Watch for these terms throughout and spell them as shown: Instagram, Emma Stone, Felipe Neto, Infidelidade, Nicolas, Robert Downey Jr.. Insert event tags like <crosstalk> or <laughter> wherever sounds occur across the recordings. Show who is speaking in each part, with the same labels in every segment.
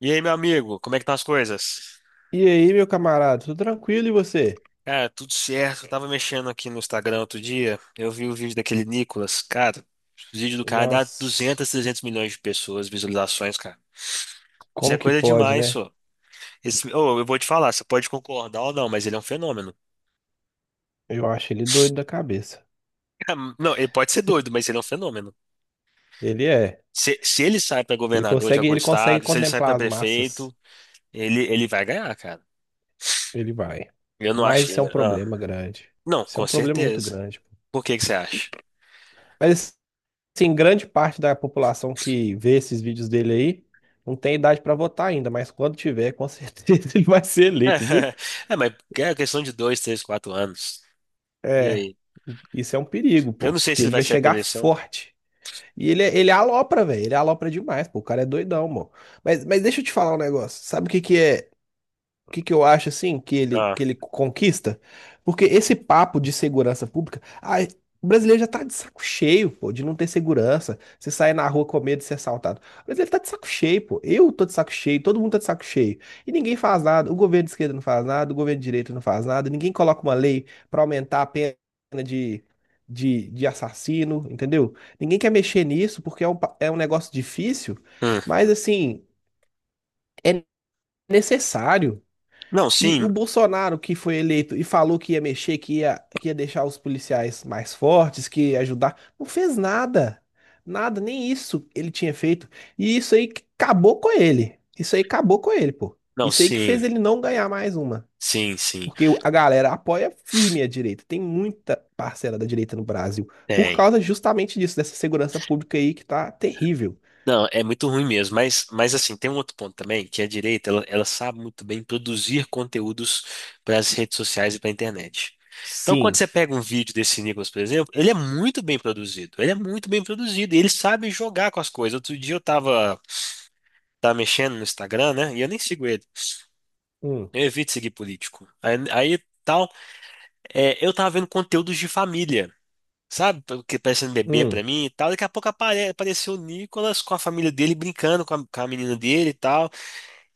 Speaker 1: E aí, meu amigo, como é que estão as coisas?
Speaker 2: E aí, meu camarada, tudo tranquilo e você?
Speaker 1: Cara, tudo certo. Eu tava mexendo aqui no Instagram outro dia, eu vi o vídeo daquele Nicolas. Cara, o vídeo do cara dá
Speaker 2: Nossa,
Speaker 1: 200, 300 milhões de pessoas, visualizações, cara. Isso é
Speaker 2: como que
Speaker 1: coisa
Speaker 2: pode,
Speaker 1: demais,
Speaker 2: né?
Speaker 1: só. Esse, oh, eu vou te falar, você pode concordar ou não, mas ele é um fenômeno.
Speaker 2: Eu acho ele doido da cabeça.
Speaker 1: Cara, não, ele pode ser doido, mas ele é um fenômeno.
Speaker 2: Ele é.
Speaker 1: Se ele sai pra
Speaker 2: Ele
Speaker 1: governador de
Speaker 2: consegue,
Speaker 1: algum
Speaker 2: ele consegue
Speaker 1: estado, se ele sai pra
Speaker 2: contemplar as massas.
Speaker 1: prefeito, ele vai ganhar, cara.
Speaker 2: Ele vai.
Speaker 1: Eu não acho
Speaker 2: Mas
Speaker 1: que.
Speaker 2: isso é um problema grande.
Speaker 1: Não,
Speaker 2: Isso é
Speaker 1: com
Speaker 2: um problema muito
Speaker 1: certeza.
Speaker 2: grande.
Speaker 1: Por que que você acha?
Speaker 2: Mas assim, grande parte da população que vê esses vídeos dele aí não tem idade pra votar ainda, mas quando tiver, com certeza <laughs> ele vai ser eleito, viu?
Speaker 1: <laughs> É, mas é questão de dois, três, quatro anos. E
Speaker 2: É,
Speaker 1: aí?
Speaker 2: isso é um perigo,
Speaker 1: Eu
Speaker 2: pô,
Speaker 1: não sei se
Speaker 2: porque
Speaker 1: ele
Speaker 2: ele
Speaker 1: vai
Speaker 2: vai
Speaker 1: sair pra
Speaker 2: chegar
Speaker 1: eleição.
Speaker 2: forte. E ele, ele é alopra, velho. Ele é alopra demais, pô. O cara é doidão, mano. Mas deixa eu te falar um negócio. Sabe o que que é? Que eu acho assim que ele,
Speaker 1: Ah,
Speaker 2: que ele conquista? Porque esse papo de segurança pública, ai, o brasileiro já tá de saco cheio, pô, de não ter segurança. Você sair na rua com medo de ser assaltado. O brasileiro tá de saco cheio, pô. Eu tô de saco cheio, todo mundo tá de saco cheio. E ninguém faz nada. O governo de esquerda não faz nada, o governo de direita não faz nada. Ninguém coloca uma lei pra aumentar a pena de, de assassino, entendeu? Ninguém quer mexer nisso porque é um negócio difícil,
Speaker 1: hum.
Speaker 2: mas assim, é necessário.
Speaker 1: Não,
Speaker 2: E
Speaker 1: sim.
Speaker 2: o Bolsonaro que foi eleito e falou que ia mexer, que ia deixar os policiais mais fortes, que ia ajudar, não fez nada. Nada, nem isso ele tinha feito. E isso aí que acabou com ele. Isso aí acabou com ele, pô.
Speaker 1: Não,
Speaker 2: Isso aí que
Speaker 1: sim.
Speaker 2: fez ele não ganhar mais uma.
Speaker 1: Sim, sim.
Speaker 2: Porque a galera apoia firme a direita. Tem muita parcela da direita no Brasil. Por
Speaker 1: Tem.
Speaker 2: causa justamente disso, dessa segurança pública aí que tá terrível.
Speaker 1: Não, é muito ruim mesmo. Mas assim, tem um outro ponto também, que a direita, ela sabe muito bem produzir conteúdos para as redes sociais e para a internet. Então, quando
Speaker 2: Sim.
Speaker 1: você pega um vídeo desse Nicolas, por exemplo, ele é muito bem produzido. Ele é muito bem produzido. E ele sabe jogar com as coisas. Outro dia tava mexendo no Instagram, né? E eu nem sigo ele.
Speaker 2: Hum,
Speaker 1: Eu evito seguir político. Tal, é, eu tava vendo conteúdos de família, sabe? O que parece um bebê pra
Speaker 2: hum.
Speaker 1: mim e tal. Daqui a pouco apareceu o Nicolas com a família dele brincando com com a menina dele e tal.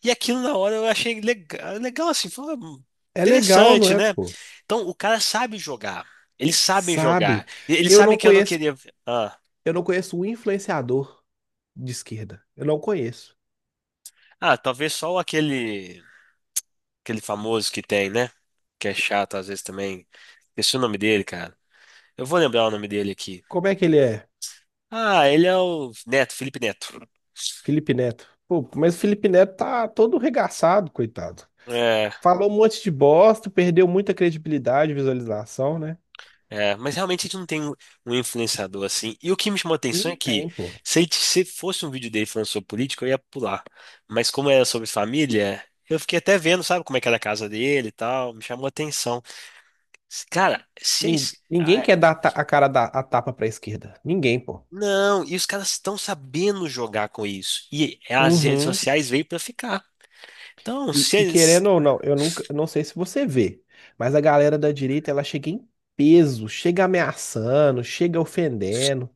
Speaker 1: E aquilo na hora eu achei legal, legal assim, foi
Speaker 2: É legal, não
Speaker 1: interessante,
Speaker 2: é,
Speaker 1: né?
Speaker 2: pô?
Speaker 1: Então o cara sabe jogar. Eles sabem jogar.
Speaker 2: Sabe?
Speaker 1: E eles
Speaker 2: Eu não
Speaker 1: sabem que eu não
Speaker 2: conheço
Speaker 1: queria. Ah,
Speaker 2: Eu não conheço um influenciador de esquerda. Eu não conheço.
Speaker 1: ah, talvez só aquele famoso que tem, né? Que é chato às vezes também. Esqueci o nome dele, cara. Eu vou lembrar o nome dele aqui.
Speaker 2: Como é que ele é?
Speaker 1: Ah, ele é o Neto, Felipe Neto.
Speaker 2: Felipe Neto. Pô, mas o Felipe Neto tá todo regaçado, coitado.
Speaker 1: É,
Speaker 2: Falou um monte de bosta, perdeu muita credibilidade, visualização, né?
Speaker 1: é, mas realmente a gente não tem um influenciador assim. E o que me chamou a atenção
Speaker 2: Não
Speaker 1: é que
Speaker 2: tem, pô.
Speaker 1: se fosse um vídeo dele falando sobre política, eu ia pular. Mas como era sobre família, eu fiquei até vendo, sabe, como é que era a casa dele e tal. Me chamou a atenção. Cara, se é
Speaker 2: Nin-
Speaker 1: isso. ah,
Speaker 2: Ninguém quer
Speaker 1: é-
Speaker 2: dar a cara da a tapa pra esquerda. Ninguém, pô.
Speaker 1: Não, e os caras estão sabendo jogar com isso. E as redes
Speaker 2: Uhum.
Speaker 1: sociais veio pra ficar. Então,
Speaker 2: E,
Speaker 1: se
Speaker 2: e
Speaker 1: eles.
Speaker 2: querendo ou não, eu não sei se você vê, mas a galera da direita, ela chega em peso, chega ameaçando, chega ofendendo.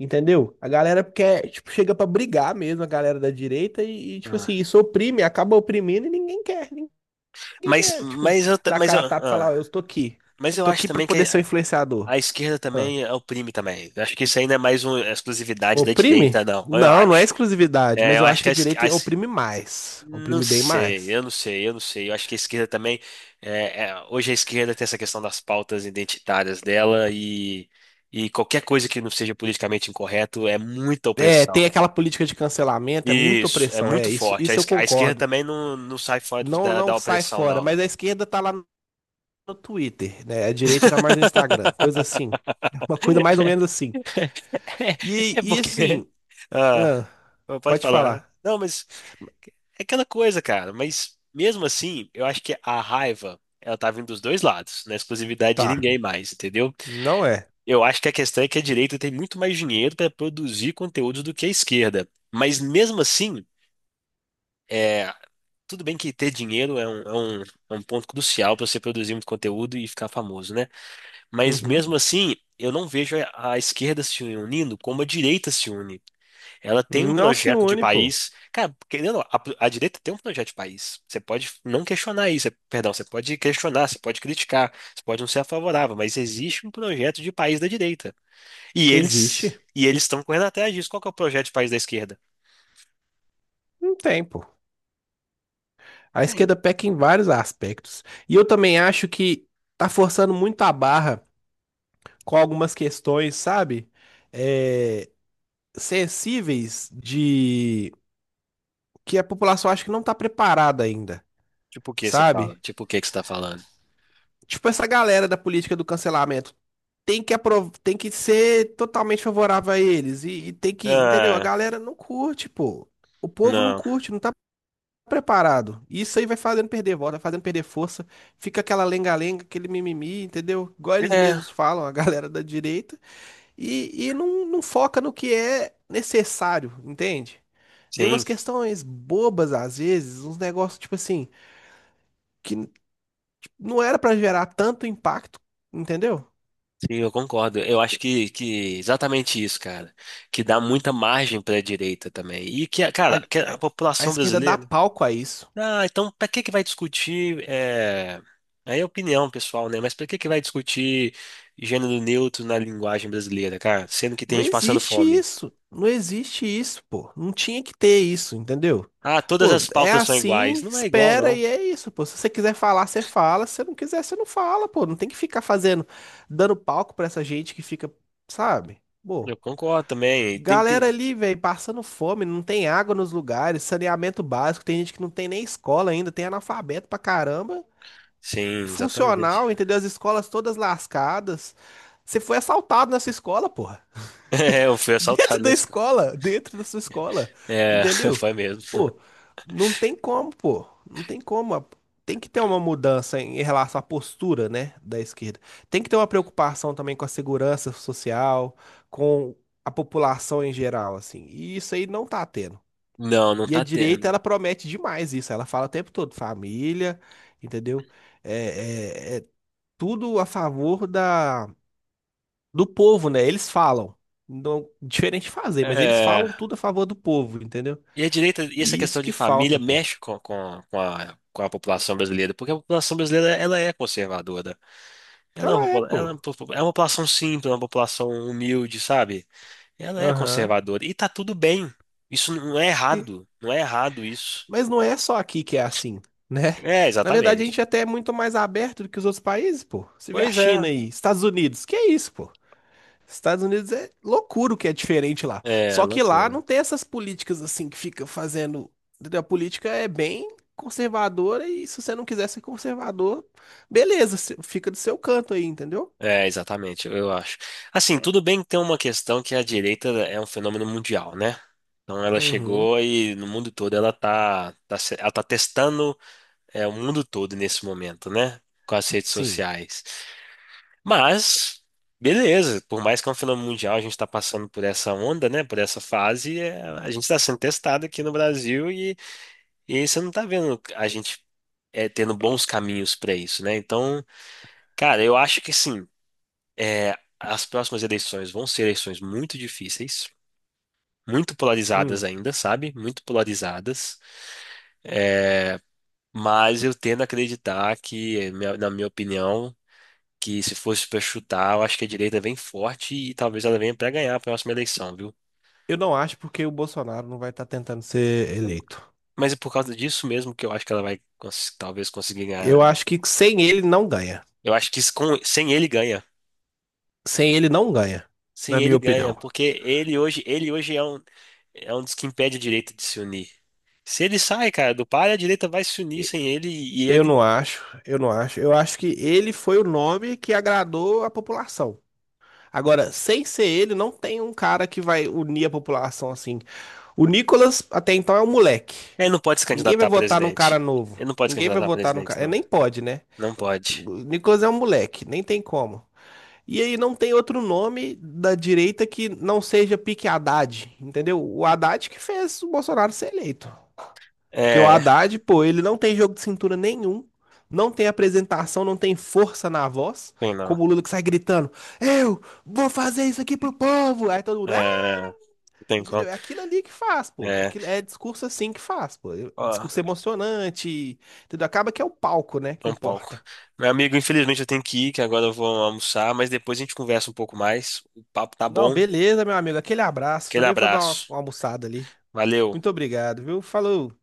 Speaker 2: Entendeu? A galera quer, tipo, chega pra brigar mesmo, a galera da direita, tipo assim,
Speaker 1: Ah,
Speaker 2: isso oprime, acaba oprimindo e ninguém quer, ninguém quer, tipo,
Speaker 1: Mas eu, ta-
Speaker 2: dar a
Speaker 1: mas
Speaker 2: cara
Speaker 1: eu,
Speaker 2: a tapa e falar, ó,
Speaker 1: ah,
Speaker 2: eu tô aqui,
Speaker 1: mas eu
Speaker 2: tô
Speaker 1: acho
Speaker 2: aqui pra
Speaker 1: também que
Speaker 2: poder ser um influenciador.
Speaker 1: a esquerda
Speaker 2: Ah,
Speaker 1: também oprime também. Eu acho que isso ainda é mais uma exclusividade da
Speaker 2: Oprime?
Speaker 1: direita, não. Eu
Speaker 2: Não, não é
Speaker 1: acho.
Speaker 2: exclusividade,
Speaker 1: É,
Speaker 2: mas
Speaker 1: eu
Speaker 2: eu
Speaker 1: acho
Speaker 2: acho
Speaker 1: que
Speaker 2: que a direita oprime mais,
Speaker 1: não
Speaker 2: oprime bem
Speaker 1: sei,
Speaker 2: mais.
Speaker 1: eu não sei. Eu acho que a esquerda também. É, é, hoje a esquerda tem essa questão das pautas identitárias dela e qualquer coisa que não seja politicamente incorreto é muita
Speaker 2: É, tem
Speaker 1: opressão.
Speaker 2: aquela política de cancelamento, é muita
Speaker 1: Isso, é
Speaker 2: opressão, é,
Speaker 1: muito
Speaker 2: isso,
Speaker 1: forte.
Speaker 2: isso eu
Speaker 1: A esquerda
Speaker 2: concordo.
Speaker 1: também não sai fora
Speaker 2: Não, não
Speaker 1: da
Speaker 2: sai
Speaker 1: opressão,
Speaker 2: fora,
Speaker 1: não.
Speaker 2: mas a esquerda tá lá no Twitter, né? A direita tá mais no Instagram, coisa
Speaker 1: <laughs>
Speaker 2: assim. <laughs> Uma coisa mais ou menos assim.
Speaker 1: <laughs>
Speaker 2: E,
Speaker 1: É
Speaker 2: e
Speaker 1: porque.
Speaker 2: assim,
Speaker 1: Ah,
Speaker 2: ah,
Speaker 1: pode
Speaker 2: pode
Speaker 1: falar.
Speaker 2: falar.
Speaker 1: Não, mas é aquela coisa, cara. Mas mesmo assim, eu acho que a raiva, ela tá vindo dos dois lados, não é exclusividade de
Speaker 2: Tá,
Speaker 1: ninguém mais, entendeu?
Speaker 2: não é.
Speaker 1: Eu acho que a questão é que a direita tem muito mais dinheiro para produzir conteúdo do que a esquerda. Mas mesmo assim, é, tudo bem que ter dinheiro é é um ponto crucial para você produzir muito conteúdo e ficar famoso, né? Mas mesmo
Speaker 2: Uhum.
Speaker 1: assim, eu não vejo a esquerda se unindo como a direita se une. Ela tem um
Speaker 2: Não se
Speaker 1: projeto de
Speaker 2: une, pô.
Speaker 1: país. Cara, querendo, ou não, a direita tem um projeto de país. Você pode não questionar isso, é, perdão, você pode questionar, você pode criticar, você pode não ser favorável, mas existe um projeto de país da direita.
Speaker 2: Existe?
Speaker 1: E eles estão correndo atrás disso. Qual que é o projeto de país da esquerda?
Speaker 2: Não tem, pô. A
Speaker 1: É,
Speaker 2: esquerda peca em vários aspectos. E eu também acho que tá forçando muito a barra com algumas questões, sabe? É, sensíveis de que a população acha que não tá preparada ainda,
Speaker 1: tipo o que você fala?
Speaker 2: sabe?
Speaker 1: Tipo o que que você está falando?
Speaker 2: Tipo, essa galera da política do cancelamento tem que ser totalmente favorável a eles. E tem que, entendeu? A
Speaker 1: Ah,
Speaker 2: galera não curte, pô. O povo não
Speaker 1: não.
Speaker 2: curte, não tá preparado. E isso aí vai fazendo perder voto, vai fazendo perder força. Fica aquela lenga-lenga, aquele mimimi, entendeu? Igual eles
Speaker 1: É,
Speaker 2: mesmos falam, a <laughs> galera da direita. E não, não foca no que é necessário, entende? Vem
Speaker 1: sim,
Speaker 2: umas questões bobas às vezes, uns negócios tipo assim, que não era pra gerar tanto impacto, entendeu?
Speaker 1: sim, eu concordo. Eu acho que exatamente isso, cara. Que dá muita margem para a direita também. E que,
Speaker 2: a, a
Speaker 1: cara, que a
Speaker 2: a
Speaker 1: população
Speaker 2: esquerda dá
Speaker 1: brasileira.
Speaker 2: palco a isso.
Speaker 1: Ah, então para que que vai discutir? É... Aí é opinião pessoal, né? Mas para que que vai discutir gênero neutro na linguagem brasileira, cara? Sendo que tem
Speaker 2: Não
Speaker 1: gente passando
Speaker 2: existe
Speaker 1: fome.
Speaker 2: isso. Não existe isso, pô. Não tinha que ter isso, entendeu?
Speaker 1: Ah, todas
Speaker 2: Pô,
Speaker 1: as
Speaker 2: é
Speaker 1: pautas são iguais.
Speaker 2: assim,
Speaker 1: Não é igual,
Speaker 2: espera
Speaker 1: não.
Speaker 2: e é isso, pô. Se você quiser falar, você fala. Se você não quiser, você não fala, pô. Não tem que ficar fazendo, dando palco pra essa gente que fica, sabe?
Speaker 1: Eu
Speaker 2: Pô,
Speaker 1: concordo também. Tem,
Speaker 2: galera
Speaker 1: tem...
Speaker 2: ali, velho, passando fome, não tem água nos lugares, saneamento básico, tem gente que não tem nem escola ainda, tem analfabeto pra caramba
Speaker 1: Sim, exatamente.
Speaker 2: funcional,
Speaker 1: <laughs>
Speaker 2: entendeu? As escolas todas lascadas. Você foi assaltado nessa escola, porra.
Speaker 1: É, eu fui
Speaker 2: <laughs> Dentro
Speaker 1: assaltado
Speaker 2: da
Speaker 1: nesse.
Speaker 2: escola, dentro da sua escola,
Speaker 1: É, <laughs>
Speaker 2: entendeu?
Speaker 1: foi mesmo.
Speaker 2: Pô, não tem como, pô. Não tem como. Tem que ter uma mudança em relação à postura, né, da esquerda. Tem que ter uma preocupação também com a segurança social, com a população em geral, assim. E isso aí não tá tendo.
Speaker 1: Não, não
Speaker 2: E a
Speaker 1: tá
Speaker 2: direita,
Speaker 1: tendo.
Speaker 2: ela promete demais isso. Ela fala o tempo todo, família, entendeu? É, é, é, tudo a favor do povo, né? Eles falam. Não, diferente de fazer, mas eles
Speaker 1: É,
Speaker 2: falam tudo a favor do povo, entendeu?
Speaker 1: e a direita, e essa
Speaker 2: E isso
Speaker 1: questão de
Speaker 2: que
Speaker 1: família
Speaker 2: falta, pô.
Speaker 1: mexe com com a população brasileira, porque a população brasileira ela é conservadora. Ela é uma
Speaker 2: Ela é,
Speaker 1: popula-
Speaker 2: pô.
Speaker 1: ela é uma popu- é uma população simples, uma população humilde, sabe? Ela é
Speaker 2: Aham.
Speaker 1: conservadora. E tá tudo bem. Isso não é
Speaker 2: E-
Speaker 1: errado. Não é errado isso.
Speaker 2: Mas não é só aqui que é assim, <laughs> né?
Speaker 1: É,
Speaker 2: Na verdade, a
Speaker 1: exatamente.
Speaker 2: gente até é muito mais aberto do que os outros países, pô. Você vê a
Speaker 1: Pois
Speaker 2: China
Speaker 1: é.
Speaker 2: aí, Estados Unidos, que é isso, pô? Estados Unidos é loucura o que é diferente lá.
Speaker 1: É,
Speaker 2: Só que lá não
Speaker 1: loucura.
Speaker 2: tem essas políticas assim que fica fazendo, entendeu? A política é bem conservadora e se você não quiser ser conservador, beleza, você fica do seu canto aí, entendeu?
Speaker 1: É, exatamente, eu acho. Assim, tudo bem que tem uma questão que a direita é um fenômeno mundial, né? Então ela
Speaker 2: Uhum,
Speaker 1: chegou e no mundo todo ela ela tá testando é, o mundo todo nesse momento, né? Com as redes
Speaker 2: sim.
Speaker 1: sociais. Mas, beleza, por mais que é um fenômeno mundial, a gente está passando por essa onda, né? Por essa fase, é, a gente está sendo testado aqui no Brasil e aí você não está vendo a gente é, tendo bons caminhos para isso, né? Então, cara, eu acho que sim, é, as próximas eleições vão ser eleições muito difíceis, muito polarizadas
Speaker 2: Hum.
Speaker 1: ainda, sabe? Muito polarizadas, mas eu tendo a acreditar que, é, na minha opinião, que se fosse para chutar, eu acho que a direita vem forte e talvez ela venha para ganhar a próxima eleição, viu?
Speaker 2: Eu não acho porque o Bolsonaro não vai estar tentando ser eleito.
Speaker 1: Mas é por causa disso mesmo que eu acho que ela vai talvez conseguir ganhar.
Speaker 2: Eu acho que sem ele não ganha.
Speaker 1: Eu acho que isso sem ele ganha.
Speaker 2: Sem ele não ganha,
Speaker 1: Sem
Speaker 2: na minha
Speaker 1: ele ganha,
Speaker 2: opinião.
Speaker 1: porque ele hoje é um dos que impede a direita de se unir. Se ele sai, cara, do par, a direita vai se unir
Speaker 2: E-
Speaker 1: sem ele
Speaker 2: Eu não acho, eu não acho. Eu acho que ele foi o nome que agradou a população. Agora, sem ser ele, não tem um cara que vai unir a população assim. O Nicolas, até então, é um moleque.
Speaker 1: ele não pode se
Speaker 2: Ninguém vai
Speaker 1: candidatar a
Speaker 2: votar num
Speaker 1: presidente.
Speaker 2: cara novo.
Speaker 1: Ele não pode se
Speaker 2: Ninguém vai
Speaker 1: candidatar a
Speaker 2: votar num
Speaker 1: presidente,
Speaker 2: cara. É,
Speaker 1: não.
Speaker 2: nem pode, né?
Speaker 1: Não pode.
Speaker 2: O Nicolas é um moleque, nem tem como. E aí não tem outro nome da direita que não seja Pique Haddad, entendeu? O Haddad que fez o Bolsonaro ser eleito. Porque o
Speaker 1: É,
Speaker 2: Haddad, pô, ele não tem jogo de cintura nenhum, não tem apresentação, não tem força na voz,
Speaker 1: tem não.
Speaker 2: como o Lula que sai gritando: Eu vou fazer isso aqui pro povo! Aí todo mundo, ah!
Speaker 1: É, não tem como.
Speaker 2: Entendeu? É aquilo ali que faz, pô.
Speaker 1: É,
Speaker 2: Aquilo é discurso assim que faz, pô. É
Speaker 1: ó.
Speaker 2: discurso emocionante, entendeu? Acaba que é o palco, né,
Speaker 1: É
Speaker 2: que
Speaker 1: um palco.
Speaker 2: importa.
Speaker 1: Meu amigo, infelizmente eu tenho que ir, que agora eu vou almoçar, mas depois a gente conversa um pouco mais. O papo tá
Speaker 2: Não,
Speaker 1: bom.
Speaker 2: beleza, meu amigo. Aquele abraço.
Speaker 1: Aquele
Speaker 2: Também vou dar uma
Speaker 1: abraço.
Speaker 2: uma almoçada ali.
Speaker 1: Valeu.
Speaker 2: Muito obrigado, viu? Falou.